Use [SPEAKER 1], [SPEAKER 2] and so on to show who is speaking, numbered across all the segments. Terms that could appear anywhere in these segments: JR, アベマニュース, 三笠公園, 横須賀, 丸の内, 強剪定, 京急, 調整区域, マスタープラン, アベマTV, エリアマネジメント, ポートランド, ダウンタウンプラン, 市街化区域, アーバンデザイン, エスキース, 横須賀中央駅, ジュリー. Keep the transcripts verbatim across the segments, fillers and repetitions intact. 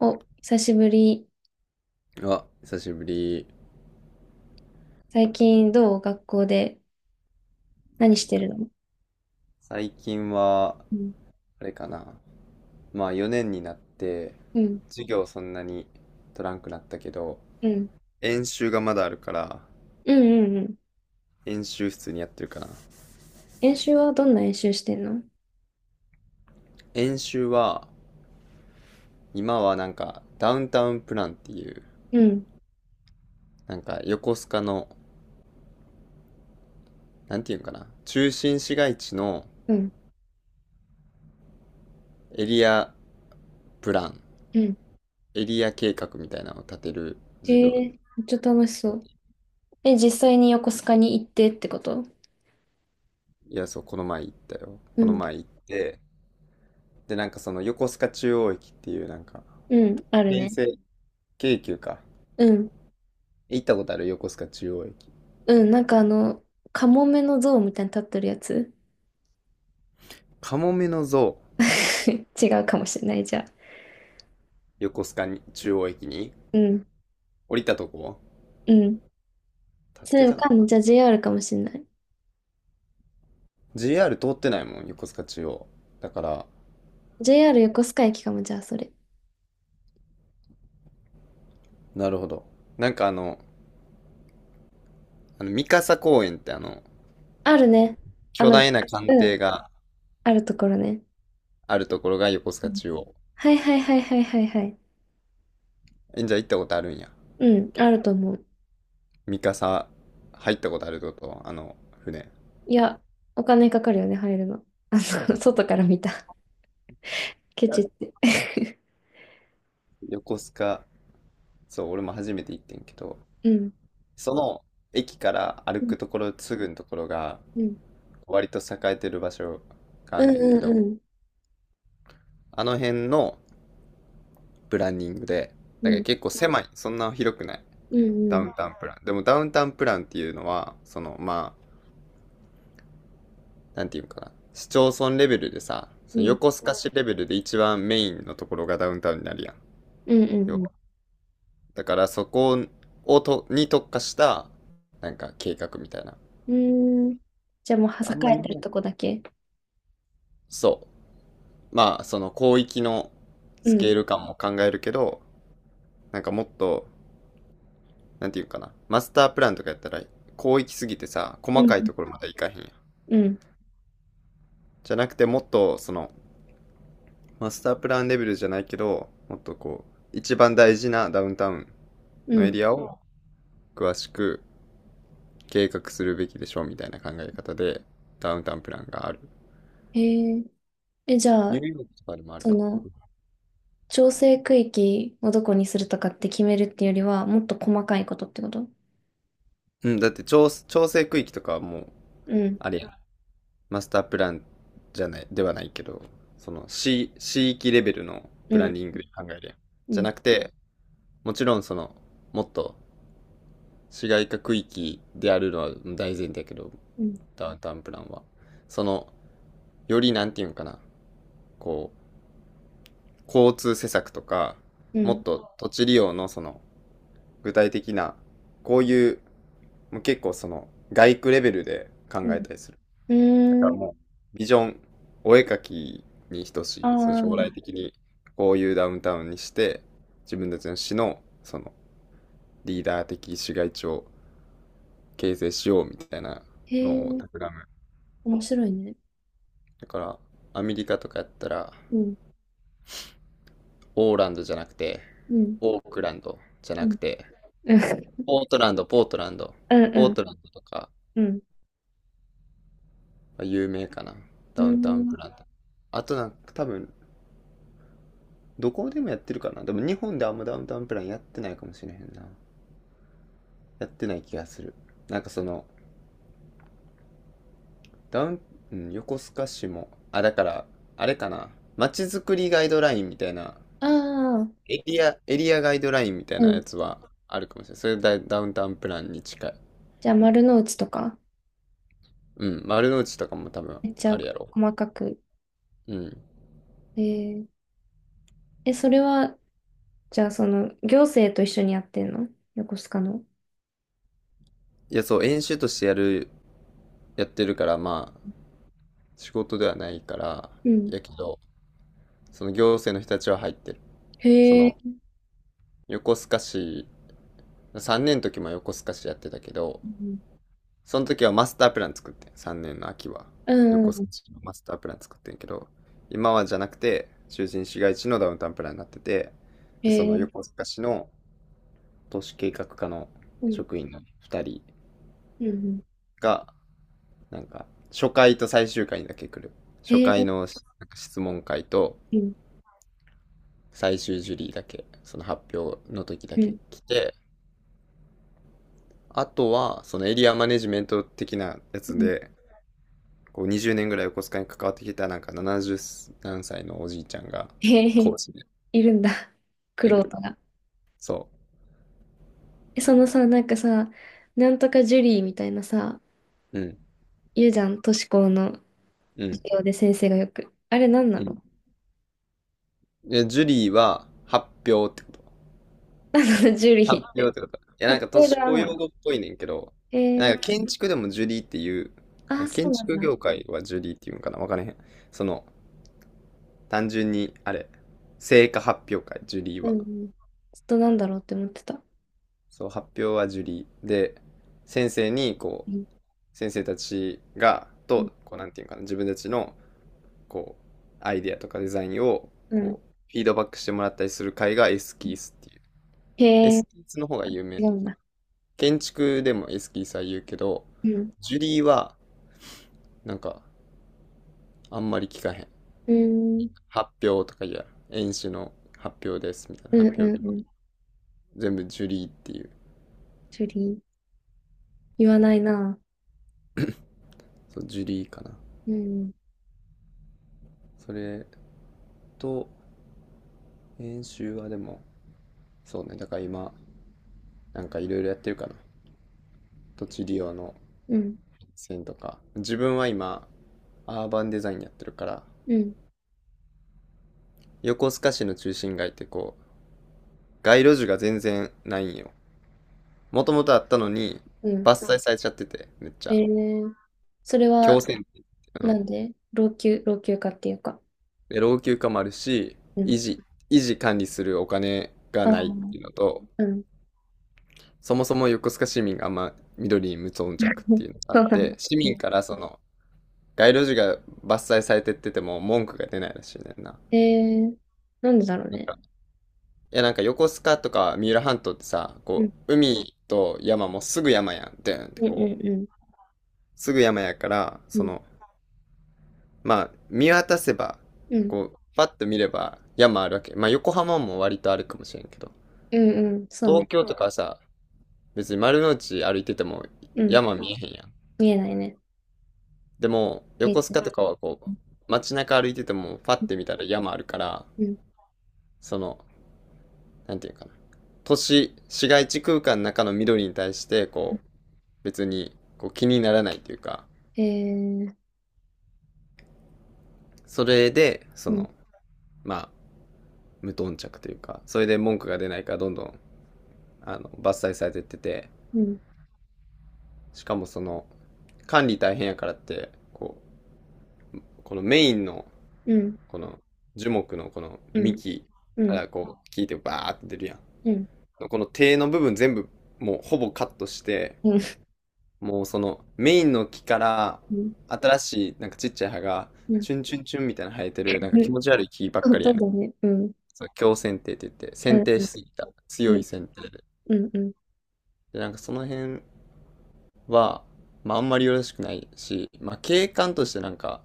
[SPEAKER 1] お、久しぶり。
[SPEAKER 2] あ、久しぶり。
[SPEAKER 1] 最近どう？学校で何してるの？
[SPEAKER 2] 最近は、
[SPEAKER 1] うん、
[SPEAKER 2] あれかな。まあよねんになって、
[SPEAKER 1] うん、
[SPEAKER 2] 授業そんなに取らんくなったけど、
[SPEAKER 1] うん、
[SPEAKER 2] 演習がまだあるから、
[SPEAKER 1] うん、うんうん。
[SPEAKER 2] 演習室にやってるかな。
[SPEAKER 1] 演習はどんな演習してんの？
[SPEAKER 2] 演習は、今はなんか、ダウンタウンプランっていう、
[SPEAKER 1] うん、
[SPEAKER 2] なんか横須賀の、なんていうんかな、中心市街地の
[SPEAKER 1] うん、
[SPEAKER 2] エリアプラン、
[SPEAKER 1] うん。
[SPEAKER 2] エリア計画みたいなのを立てる
[SPEAKER 1] へ
[SPEAKER 2] 授業。
[SPEAKER 1] え、めっちゃ楽しそう。え、実際に横須賀に行ってってこと？
[SPEAKER 2] いや、そう、この前行ったよ。
[SPEAKER 1] う
[SPEAKER 2] この
[SPEAKER 1] ん、
[SPEAKER 2] 前行って、で、なんかその横須賀中央駅っていうなんか、
[SPEAKER 1] うん、ある
[SPEAKER 2] 京
[SPEAKER 1] ね。
[SPEAKER 2] 成、京急か。
[SPEAKER 1] うん、
[SPEAKER 2] 行ったことある横須賀中央駅。
[SPEAKER 1] うん、なんかあの、カモメの像みたいに立ってるやつ？
[SPEAKER 2] カモメの像、
[SPEAKER 1] 違うかもしれない、じゃあ。
[SPEAKER 2] 横須賀に中央駅に
[SPEAKER 1] うん、
[SPEAKER 2] 降りたとこ
[SPEAKER 1] うん。
[SPEAKER 2] 立っ
[SPEAKER 1] それ
[SPEAKER 2] て
[SPEAKER 1] わ
[SPEAKER 2] たか
[SPEAKER 1] か
[SPEAKER 2] な？
[SPEAKER 1] んない。じゃあ ジェーアール かもしれない。
[SPEAKER 2] ジェーアール 通ってないもん、横須賀中央。だから、
[SPEAKER 1] ジェーアール 横須賀駅かも、じゃあそれ。
[SPEAKER 2] なるほど。なんかあの、あの三笠公園ってあの、
[SPEAKER 1] あるね。あ
[SPEAKER 2] 巨
[SPEAKER 1] の、
[SPEAKER 2] 大な艦
[SPEAKER 1] う
[SPEAKER 2] 艇
[SPEAKER 1] ん。
[SPEAKER 2] が
[SPEAKER 1] あるところね。
[SPEAKER 2] あるところが横須
[SPEAKER 1] う
[SPEAKER 2] 賀
[SPEAKER 1] ん、
[SPEAKER 2] 中央。
[SPEAKER 1] はいはいはいはいはいはい。
[SPEAKER 2] え、じゃあ行ったことあるんや。
[SPEAKER 1] うん、あると思う。
[SPEAKER 2] 三笠、入ったことあるってことあの、船。
[SPEAKER 1] いや、お金かかるよね、入るの。あの、外から見た。ケチっ て。
[SPEAKER 2] 横須賀、そう、俺も初めて行ってんけど、
[SPEAKER 1] うん。
[SPEAKER 2] その駅から歩
[SPEAKER 1] うん。
[SPEAKER 2] くところすぐのところが
[SPEAKER 1] うん。
[SPEAKER 2] 割と栄えてる場所があ
[SPEAKER 1] う
[SPEAKER 2] んねん
[SPEAKER 1] ん
[SPEAKER 2] けど、
[SPEAKER 1] うん
[SPEAKER 2] あの辺のプランニングで、
[SPEAKER 1] う
[SPEAKER 2] だ
[SPEAKER 1] ん。
[SPEAKER 2] か
[SPEAKER 1] う
[SPEAKER 2] ら
[SPEAKER 1] ん
[SPEAKER 2] 結構狭い、そんな広くない、
[SPEAKER 1] う
[SPEAKER 2] ダウ
[SPEAKER 1] ん
[SPEAKER 2] ンタウンプラン。でもダウンタウンプランっていうのは、そのまあ、なんていうのかな、市町村レベルでさ、
[SPEAKER 1] う
[SPEAKER 2] その
[SPEAKER 1] んう
[SPEAKER 2] 横
[SPEAKER 1] ん。
[SPEAKER 2] 須賀市レベルで一番メインのところがダウンタウンになるやん。
[SPEAKER 1] うんう
[SPEAKER 2] 要は。
[SPEAKER 1] ん
[SPEAKER 2] だからそこをとに特化した、なんか計画みたいな。
[SPEAKER 1] うん。うーん。じゃあもう、は
[SPEAKER 2] あ
[SPEAKER 1] さ
[SPEAKER 2] ん
[SPEAKER 1] か
[SPEAKER 2] ま
[SPEAKER 1] えて
[SPEAKER 2] 日
[SPEAKER 1] る
[SPEAKER 2] 本、
[SPEAKER 1] とこだけ。
[SPEAKER 2] そう。まあ、その広域の
[SPEAKER 1] う
[SPEAKER 2] スケ
[SPEAKER 1] ん。
[SPEAKER 2] ール感も考えるけど、なんかもっと、なんていうかな、マスタープランとかやったら、広域すぎてさ、細
[SPEAKER 1] う
[SPEAKER 2] かい
[SPEAKER 1] ん。
[SPEAKER 2] ところまでいかへんやん。
[SPEAKER 1] うん。
[SPEAKER 2] じゃなくて、もっと、その、マスタープランレベルじゃないけど、もっとこう、一番大事なダウンタウン
[SPEAKER 1] う
[SPEAKER 2] のエ
[SPEAKER 1] ん。
[SPEAKER 2] リアを詳しく計画するべきでしょうみたいな考え方で、ダウンタウンプランがある。
[SPEAKER 1] へえ。え、じゃ
[SPEAKER 2] ニュ
[SPEAKER 1] あ、
[SPEAKER 2] ーヨークとかでもある
[SPEAKER 1] そ
[SPEAKER 2] から。
[SPEAKER 1] の、調整区域をどこにするとかって決めるっていうよりは、もっと細かいことってこと？
[SPEAKER 2] うん、だって調調整区域とかはもう、
[SPEAKER 1] うん。
[SPEAKER 2] あれやん。マスタープランじゃない、ではないけど、その市、市域レベルの
[SPEAKER 1] う
[SPEAKER 2] プラン
[SPEAKER 1] ん。
[SPEAKER 2] ニングで考えるやん。
[SPEAKER 1] う
[SPEAKER 2] じゃ
[SPEAKER 1] ん。
[SPEAKER 2] なくて、もちろんその、もっと市街化区域であるのは大前提だけど、
[SPEAKER 1] うん。
[SPEAKER 2] ダウンタウンプランは。その、よりなんていうのかな、こう、交通施策とか、
[SPEAKER 1] う
[SPEAKER 2] もっ
[SPEAKER 1] ん。
[SPEAKER 2] と土地利用のその、具体的な、こういう、もう結構その、外区レベルで考
[SPEAKER 1] うん。
[SPEAKER 2] えたりする。だから
[SPEAKER 1] うーん。
[SPEAKER 2] もう、ビジョン、お絵描きに等し
[SPEAKER 1] あ
[SPEAKER 2] い、その将来
[SPEAKER 1] あ。
[SPEAKER 2] 的にこういうダウンタウンにして、自分たちの市の、その、リーダー的市街地を形成しようみたいな
[SPEAKER 1] へえ、
[SPEAKER 2] のを企む。
[SPEAKER 1] 面白いね。
[SPEAKER 2] だから、アメリカとかやったら、
[SPEAKER 1] うん。
[SPEAKER 2] オーランドじゃなくて、
[SPEAKER 1] うん。
[SPEAKER 2] オークランドじゃな
[SPEAKER 1] う
[SPEAKER 2] く
[SPEAKER 1] ん。
[SPEAKER 2] て、
[SPEAKER 1] うん。
[SPEAKER 2] ポートランド、ポートランド、
[SPEAKER 1] うん
[SPEAKER 2] ポ
[SPEAKER 1] う
[SPEAKER 2] ー
[SPEAKER 1] ん。
[SPEAKER 2] トランドとか、
[SPEAKER 1] うん。
[SPEAKER 2] 有名かな。
[SPEAKER 1] う
[SPEAKER 2] ダウンタウン
[SPEAKER 1] ん。
[SPEAKER 2] プランあとなんか多分、どこでもやってるかな。でも日本であんまダウンタウンプランやってないかもしれへんな。やってない気がする。なんかその、ダウン、うん、横須賀市も、あ、だから、あれかな。街づくりガイドラインみたいな、
[SPEAKER 1] あー、
[SPEAKER 2] エリア、エリアガイドラインみたい
[SPEAKER 1] う
[SPEAKER 2] な
[SPEAKER 1] ん。
[SPEAKER 2] やつはあるかもしれない。それダ、ダウンタウンプランに近い。
[SPEAKER 1] じゃあ、丸の内とか。
[SPEAKER 2] うん、丸の内とかも多分
[SPEAKER 1] めっち
[SPEAKER 2] あ
[SPEAKER 1] ゃ
[SPEAKER 2] るやろ。
[SPEAKER 1] 細かく。
[SPEAKER 2] うん。
[SPEAKER 1] えー、え、それは、じゃあ、その、行政と一緒にやってんの？横須賀の。
[SPEAKER 2] いや、そう、演習としてやる、やってるから、まあ、仕事ではないから、
[SPEAKER 1] うん。
[SPEAKER 2] やけど、その行政の人たちは入ってる。そ
[SPEAKER 1] へえ。
[SPEAKER 2] の、横須賀市、さんねんの時も横須賀市やってたけど、
[SPEAKER 1] うん。
[SPEAKER 2] その時はマスタープラン作ってん、さんねんの秋は
[SPEAKER 1] うん
[SPEAKER 2] 横
[SPEAKER 1] う
[SPEAKER 2] 須賀
[SPEAKER 1] ん、
[SPEAKER 2] 市のマスタープラン作ってんけど、今はじゃなくて中心市街地のダウンタウンプランになってて、
[SPEAKER 1] へ
[SPEAKER 2] でその
[SPEAKER 1] え。
[SPEAKER 2] 横須賀市の都市計画課の
[SPEAKER 1] うん。
[SPEAKER 2] 職員のふたり
[SPEAKER 1] うんうん。
[SPEAKER 2] がなんか初回と最終回にだけ来る、初
[SPEAKER 1] へ
[SPEAKER 2] 回
[SPEAKER 1] え。
[SPEAKER 2] のなんか質問会と
[SPEAKER 1] うん。
[SPEAKER 2] 最終ジュリーだけその発表の時だ
[SPEAKER 1] う
[SPEAKER 2] け
[SPEAKER 1] ん。
[SPEAKER 2] 来て、あとはそのエリアマネジメント的なや
[SPEAKER 1] う
[SPEAKER 2] つ
[SPEAKER 1] ん。
[SPEAKER 2] でこうにじゅうねんぐらい横須賀に関わってきたなんかななじゅう何歳のおじいちゃんが
[SPEAKER 1] へえ。
[SPEAKER 2] 講師で
[SPEAKER 1] いるんだ。玄
[SPEAKER 2] いる。
[SPEAKER 1] 人が。
[SPEAKER 2] そ
[SPEAKER 1] そのさ、なんかさ、なんとかジュリーみたいなさ、
[SPEAKER 2] う。うん。
[SPEAKER 1] 言うじゃん、都市高の
[SPEAKER 2] うん。
[SPEAKER 1] 授業で先生がよく。あれなんな
[SPEAKER 2] うん。
[SPEAKER 1] の？
[SPEAKER 2] で、ジュリーは発表ってこと。
[SPEAKER 1] あの、ジュリ
[SPEAKER 2] 発
[SPEAKER 1] ーっ
[SPEAKER 2] 表っ
[SPEAKER 1] て。
[SPEAKER 2] てこと。いや、
[SPEAKER 1] カ
[SPEAKER 2] なん
[SPEAKER 1] プ
[SPEAKER 2] か都
[SPEAKER 1] セ
[SPEAKER 2] 市
[SPEAKER 1] ルア
[SPEAKER 2] 公
[SPEAKER 1] な
[SPEAKER 2] 用
[SPEAKER 1] の？
[SPEAKER 2] 語っぽいねんけど、
[SPEAKER 1] え
[SPEAKER 2] なん
[SPEAKER 1] ー、
[SPEAKER 2] か建築でもジュリーっていう、
[SPEAKER 1] ああ、そ
[SPEAKER 2] 建
[SPEAKER 1] うなん
[SPEAKER 2] 築
[SPEAKER 1] だ。
[SPEAKER 2] 業界はジュリーっていうんかなわからへん。その、単純に、あれ、成果発表会、ジュリー
[SPEAKER 1] う
[SPEAKER 2] は。
[SPEAKER 1] んうん。ちょっとなんだろうって思ってた。
[SPEAKER 2] そう、発表はジュリー。で、先生に、こ
[SPEAKER 1] うん
[SPEAKER 2] う、先生たちが、
[SPEAKER 1] うん
[SPEAKER 2] と、こう、なんていうんかな、自分たちのこう、アイデアとかデザインを、
[SPEAKER 1] うん、
[SPEAKER 2] こう、フィードバックしてもらったりする会がエスキースっていう。
[SPEAKER 1] へ
[SPEAKER 2] エ
[SPEAKER 1] え、
[SPEAKER 2] スキースの方が有
[SPEAKER 1] 違
[SPEAKER 2] 名。
[SPEAKER 1] うんだ。
[SPEAKER 2] 建築でもエスキースは言うけど、
[SPEAKER 1] うん。
[SPEAKER 2] ジュリーは、なんか、あんまり聞かへん。
[SPEAKER 1] うん。
[SPEAKER 2] 発表とか言うやん。演習の発表です、みたいな
[SPEAKER 1] うん
[SPEAKER 2] 発表
[SPEAKER 1] う
[SPEAKER 2] 日
[SPEAKER 1] んう
[SPEAKER 2] は。
[SPEAKER 1] ん。
[SPEAKER 2] 全部ジュリーっていう。
[SPEAKER 1] ジュリー。言わないな。
[SPEAKER 2] そう、ジュリーかな。
[SPEAKER 1] うん。
[SPEAKER 2] それと、演習はでも、そうね、だから今、なんかいろいろやってるかな。土地利用の
[SPEAKER 1] うん。
[SPEAKER 2] 線とか。自分は今、アーバンデザインやってるから、
[SPEAKER 1] うん。
[SPEAKER 2] 横須賀市の中心街ってこう、街路樹が全然ないんよ。もともとあったのに、
[SPEAKER 1] うん。
[SPEAKER 2] 伐採されちゃってて、めっち
[SPEAKER 1] え
[SPEAKER 2] ゃ。
[SPEAKER 1] ー、それ
[SPEAKER 2] 強
[SPEAKER 1] は、
[SPEAKER 2] 制的。う
[SPEAKER 1] な
[SPEAKER 2] ん。
[SPEAKER 1] んで？老朽、老朽化っていうか。
[SPEAKER 2] で、老朽化もあるし、
[SPEAKER 1] うん。
[SPEAKER 2] 維持、維持管理するお金が
[SPEAKER 1] あ
[SPEAKER 2] ないっていうの
[SPEAKER 1] あ。
[SPEAKER 2] と、
[SPEAKER 1] うん。
[SPEAKER 2] そもそも横須賀市民があんま緑に無頓着っ
[SPEAKER 1] うん、
[SPEAKER 2] ていうのがあっ
[SPEAKER 1] そうそ
[SPEAKER 2] て、
[SPEAKER 1] う
[SPEAKER 2] 市
[SPEAKER 1] そ
[SPEAKER 2] 民
[SPEAKER 1] う。
[SPEAKER 2] からその、街路樹が伐採されてってても文句が出ないらしいねんな。
[SPEAKER 1] うん、えー、なんでだろう
[SPEAKER 2] なん
[SPEAKER 1] ね。
[SPEAKER 2] か、いやなんか横須賀とか三浦半島ってさ、
[SPEAKER 1] う
[SPEAKER 2] こ
[SPEAKER 1] ん、
[SPEAKER 2] う、海と山もすぐ山やん、ドゥーンって
[SPEAKER 1] うん、
[SPEAKER 2] こ
[SPEAKER 1] うん、
[SPEAKER 2] すぐ山やから、
[SPEAKER 1] うん、う
[SPEAKER 2] そ
[SPEAKER 1] ん、
[SPEAKER 2] の、まあ、見渡せば、
[SPEAKER 1] うん、
[SPEAKER 2] こう、パッと見れば山あるわけ。まあ、横浜も割とあるかもしれんけど、
[SPEAKER 1] うんうん、そう
[SPEAKER 2] 東
[SPEAKER 1] ね。
[SPEAKER 2] 京とかはさ、別に丸の内歩いてても
[SPEAKER 1] うん、
[SPEAKER 2] 山見えへんやん。
[SPEAKER 1] 見えないね。
[SPEAKER 2] でも、
[SPEAKER 1] 平
[SPEAKER 2] 横
[SPEAKER 1] 地。
[SPEAKER 2] 須賀とかはこう、街中歩いてても、パッ
[SPEAKER 1] うん、
[SPEAKER 2] て見たら山あるから、
[SPEAKER 1] うん、
[SPEAKER 2] その、なんていうかな。都市、市街地空間の中の緑に対して、こう、別にこう気にならないというか、
[SPEAKER 1] えー、
[SPEAKER 2] それで、そ
[SPEAKER 1] うん、
[SPEAKER 2] の、まあ、無頓着というか、それで文句が出ないからどんどんあの、伐採されてってて、
[SPEAKER 1] うん、
[SPEAKER 2] しかもその、管理大変やからって、こう、このメインの、
[SPEAKER 1] うん、
[SPEAKER 2] この樹木のこの
[SPEAKER 1] うん、
[SPEAKER 2] 幹
[SPEAKER 1] う
[SPEAKER 2] か
[SPEAKER 1] ん、
[SPEAKER 2] らこう、聞いてバーって出るや
[SPEAKER 1] うん、うん、
[SPEAKER 2] ん。この手の部分全部、もうほぼカットして、
[SPEAKER 1] うん、
[SPEAKER 2] もうそのメインの木から
[SPEAKER 1] うん、
[SPEAKER 2] 新しいなんかちっちゃい葉が
[SPEAKER 1] うん、
[SPEAKER 2] チュンチュンチュンみたいな生えてるなんか気持ち悪い木ばっ
[SPEAKER 1] そう
[SPEAKER 2] かり
[SPEAKER 1] そ
[SPEAKER 2] や
[SPEAKER 1] う
[SPEAKER 2] ね
[SPEAKER 1] だ
[SPEAKER 2] ん。
[SPEAKER 1] ね。うん、
[SPEAKER 2] そう、強剪定って言って、
[SPEAKER 1] うん、
[SPEAKER 2] 剪定
[SPEAKER 1] う
[SPEAKER 2] し
[SPEAKER 1] ん、
[SPEAKER 2] すぎた。強い剪定で。
[SPEAKER 1] うん、うん、
[SPEAKER 2] で、なんかその辺は、まああんまりよろしくないし、まあ景観としてなんか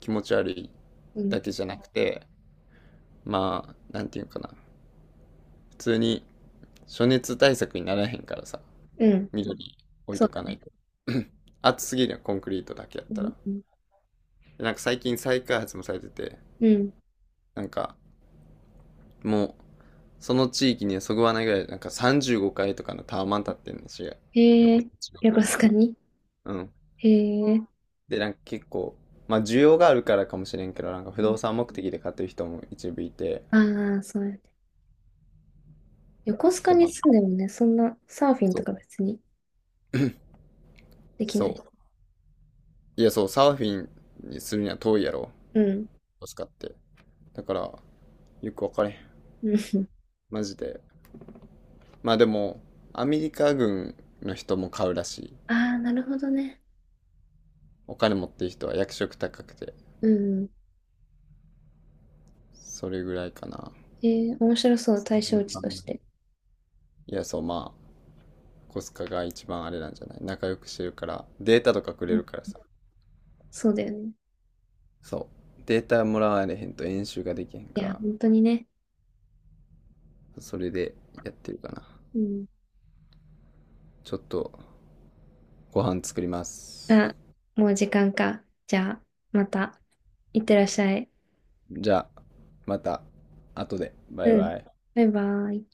[SPEAKER 2] 気持ち悪い
[SPEAKER 1] うん、
[SPEAKER 2] だけじゃなくて、まあ、なんていうかな。普通に暑熱対策にならへんからさ、
[SPEAKER 1] うん、
[SPEAKER 2] 緑置い
[SPEAKER 1] そう
[SPEAKER 2] と
[SPEAKER 1] だ
[SPEAKER 2] かない
[SPEAKER 1] ね。
[SPEAKER 2] と。暑すぎるよ、コンクリートだけやっ
[SPEAKER 1] う
[SPEAKER 2] た
[SPEAKER 1] ん、
[SPEAKER 2] ら。
[SPEAKER 1] うん、
[SPEAKER 2] でなんか最近再開発もされてて、
[SPEAKER 1] うん。
[SPEAKER 2] なんかもう、その地域にはそぐわないぐらい、なんかさんじゅうごかいとかのタワマン立ってんのし、
[SPEAKER 1] へ
[SPEAKER 2] 横
[SPEAKER 1] え、
[SPEAKER 2] 浜市の
[SPEAKER 1] 横須
[SPEAKER 2] 今。
[SPEAKER 1] 賀に？
[SPEAKER 2] うん。
[SPEAKER 1] へえ、
[SPEAKER 2] で、なんか結構、まあ需要があるからかもしれんけど、なんか不動産目的で買ってる人も一部いて、
[SPEAKER 1] ああー、そうやね。横須賀
[SPEAKER 2] で、ま
[SPEAKER 1] に住
[SPEAKER 2] あ、
[SPEAKER 1] んでもね、そんなサーフィン
[SPEAKER 2] そ
[SPEAKER 1] と
[SPEAKER 2] う。
[SPEAKER 1] か別にできないし。
[SPEAKER 2] そう。いや、そう、サーフィンにするには遠いやろ、
[SPEAKER 1] うん。
[SPEAKER 2] 使って。だから、よくわかれん。
[SPEAKER 1] うん。
[SPEAKER 2] マジで。まあでも、アメリカ軍の人も買うらしい。
[SPEAKER 1] ああ、なるほどね。
[SPEAKER 2] お金持ってる人は役職高くて。
[SPEAKER 1] うん。
[SPEAKER 2] それぐらいかな。わ
[SPEAKER 1] えー、面白そう、対象地
[SPEAKER 2] か
[SPEAKER 1] と
[SPEAKER 2] ん
[SPEAKER 1] し
[SPEAKER 2] ない。
[SPEAKER 1] て。
[SPEAKER 2] いや、そう、まあ、コスカが一番あれなんじゃない仲良くしてるから、データとかく
[SPEAKER 1] う
[SPEAKER 2] れ
[SPEAKER 1] ん、
[SPEAKER 2] るからさ。
[SPEAKER 1] そうだよね。
[SPEAKER 2] そう。データもらわれへんと演習ができへん
[SPEAKER 1] い
[SPEAKER 2] か
[SPEAKER 1] や、
[SPEAKER 2] ら、
[SPEAKER 1] 本当にね。
[SPEAKER 2] それでやってるかな。
[SPEAKER 1] うん。
[SPEAKER 2] ちょっとご飯作ります。
[SPEAKER 1] あ、もう時間か。じゃあ、また。いってらっしゃい。
[SPEAKER 2] じゃあ、また後で。バイ
[SPEAKER 1] うん。
[SPEAKER 2] バイ。
[SPEAKER 1] バイバイ。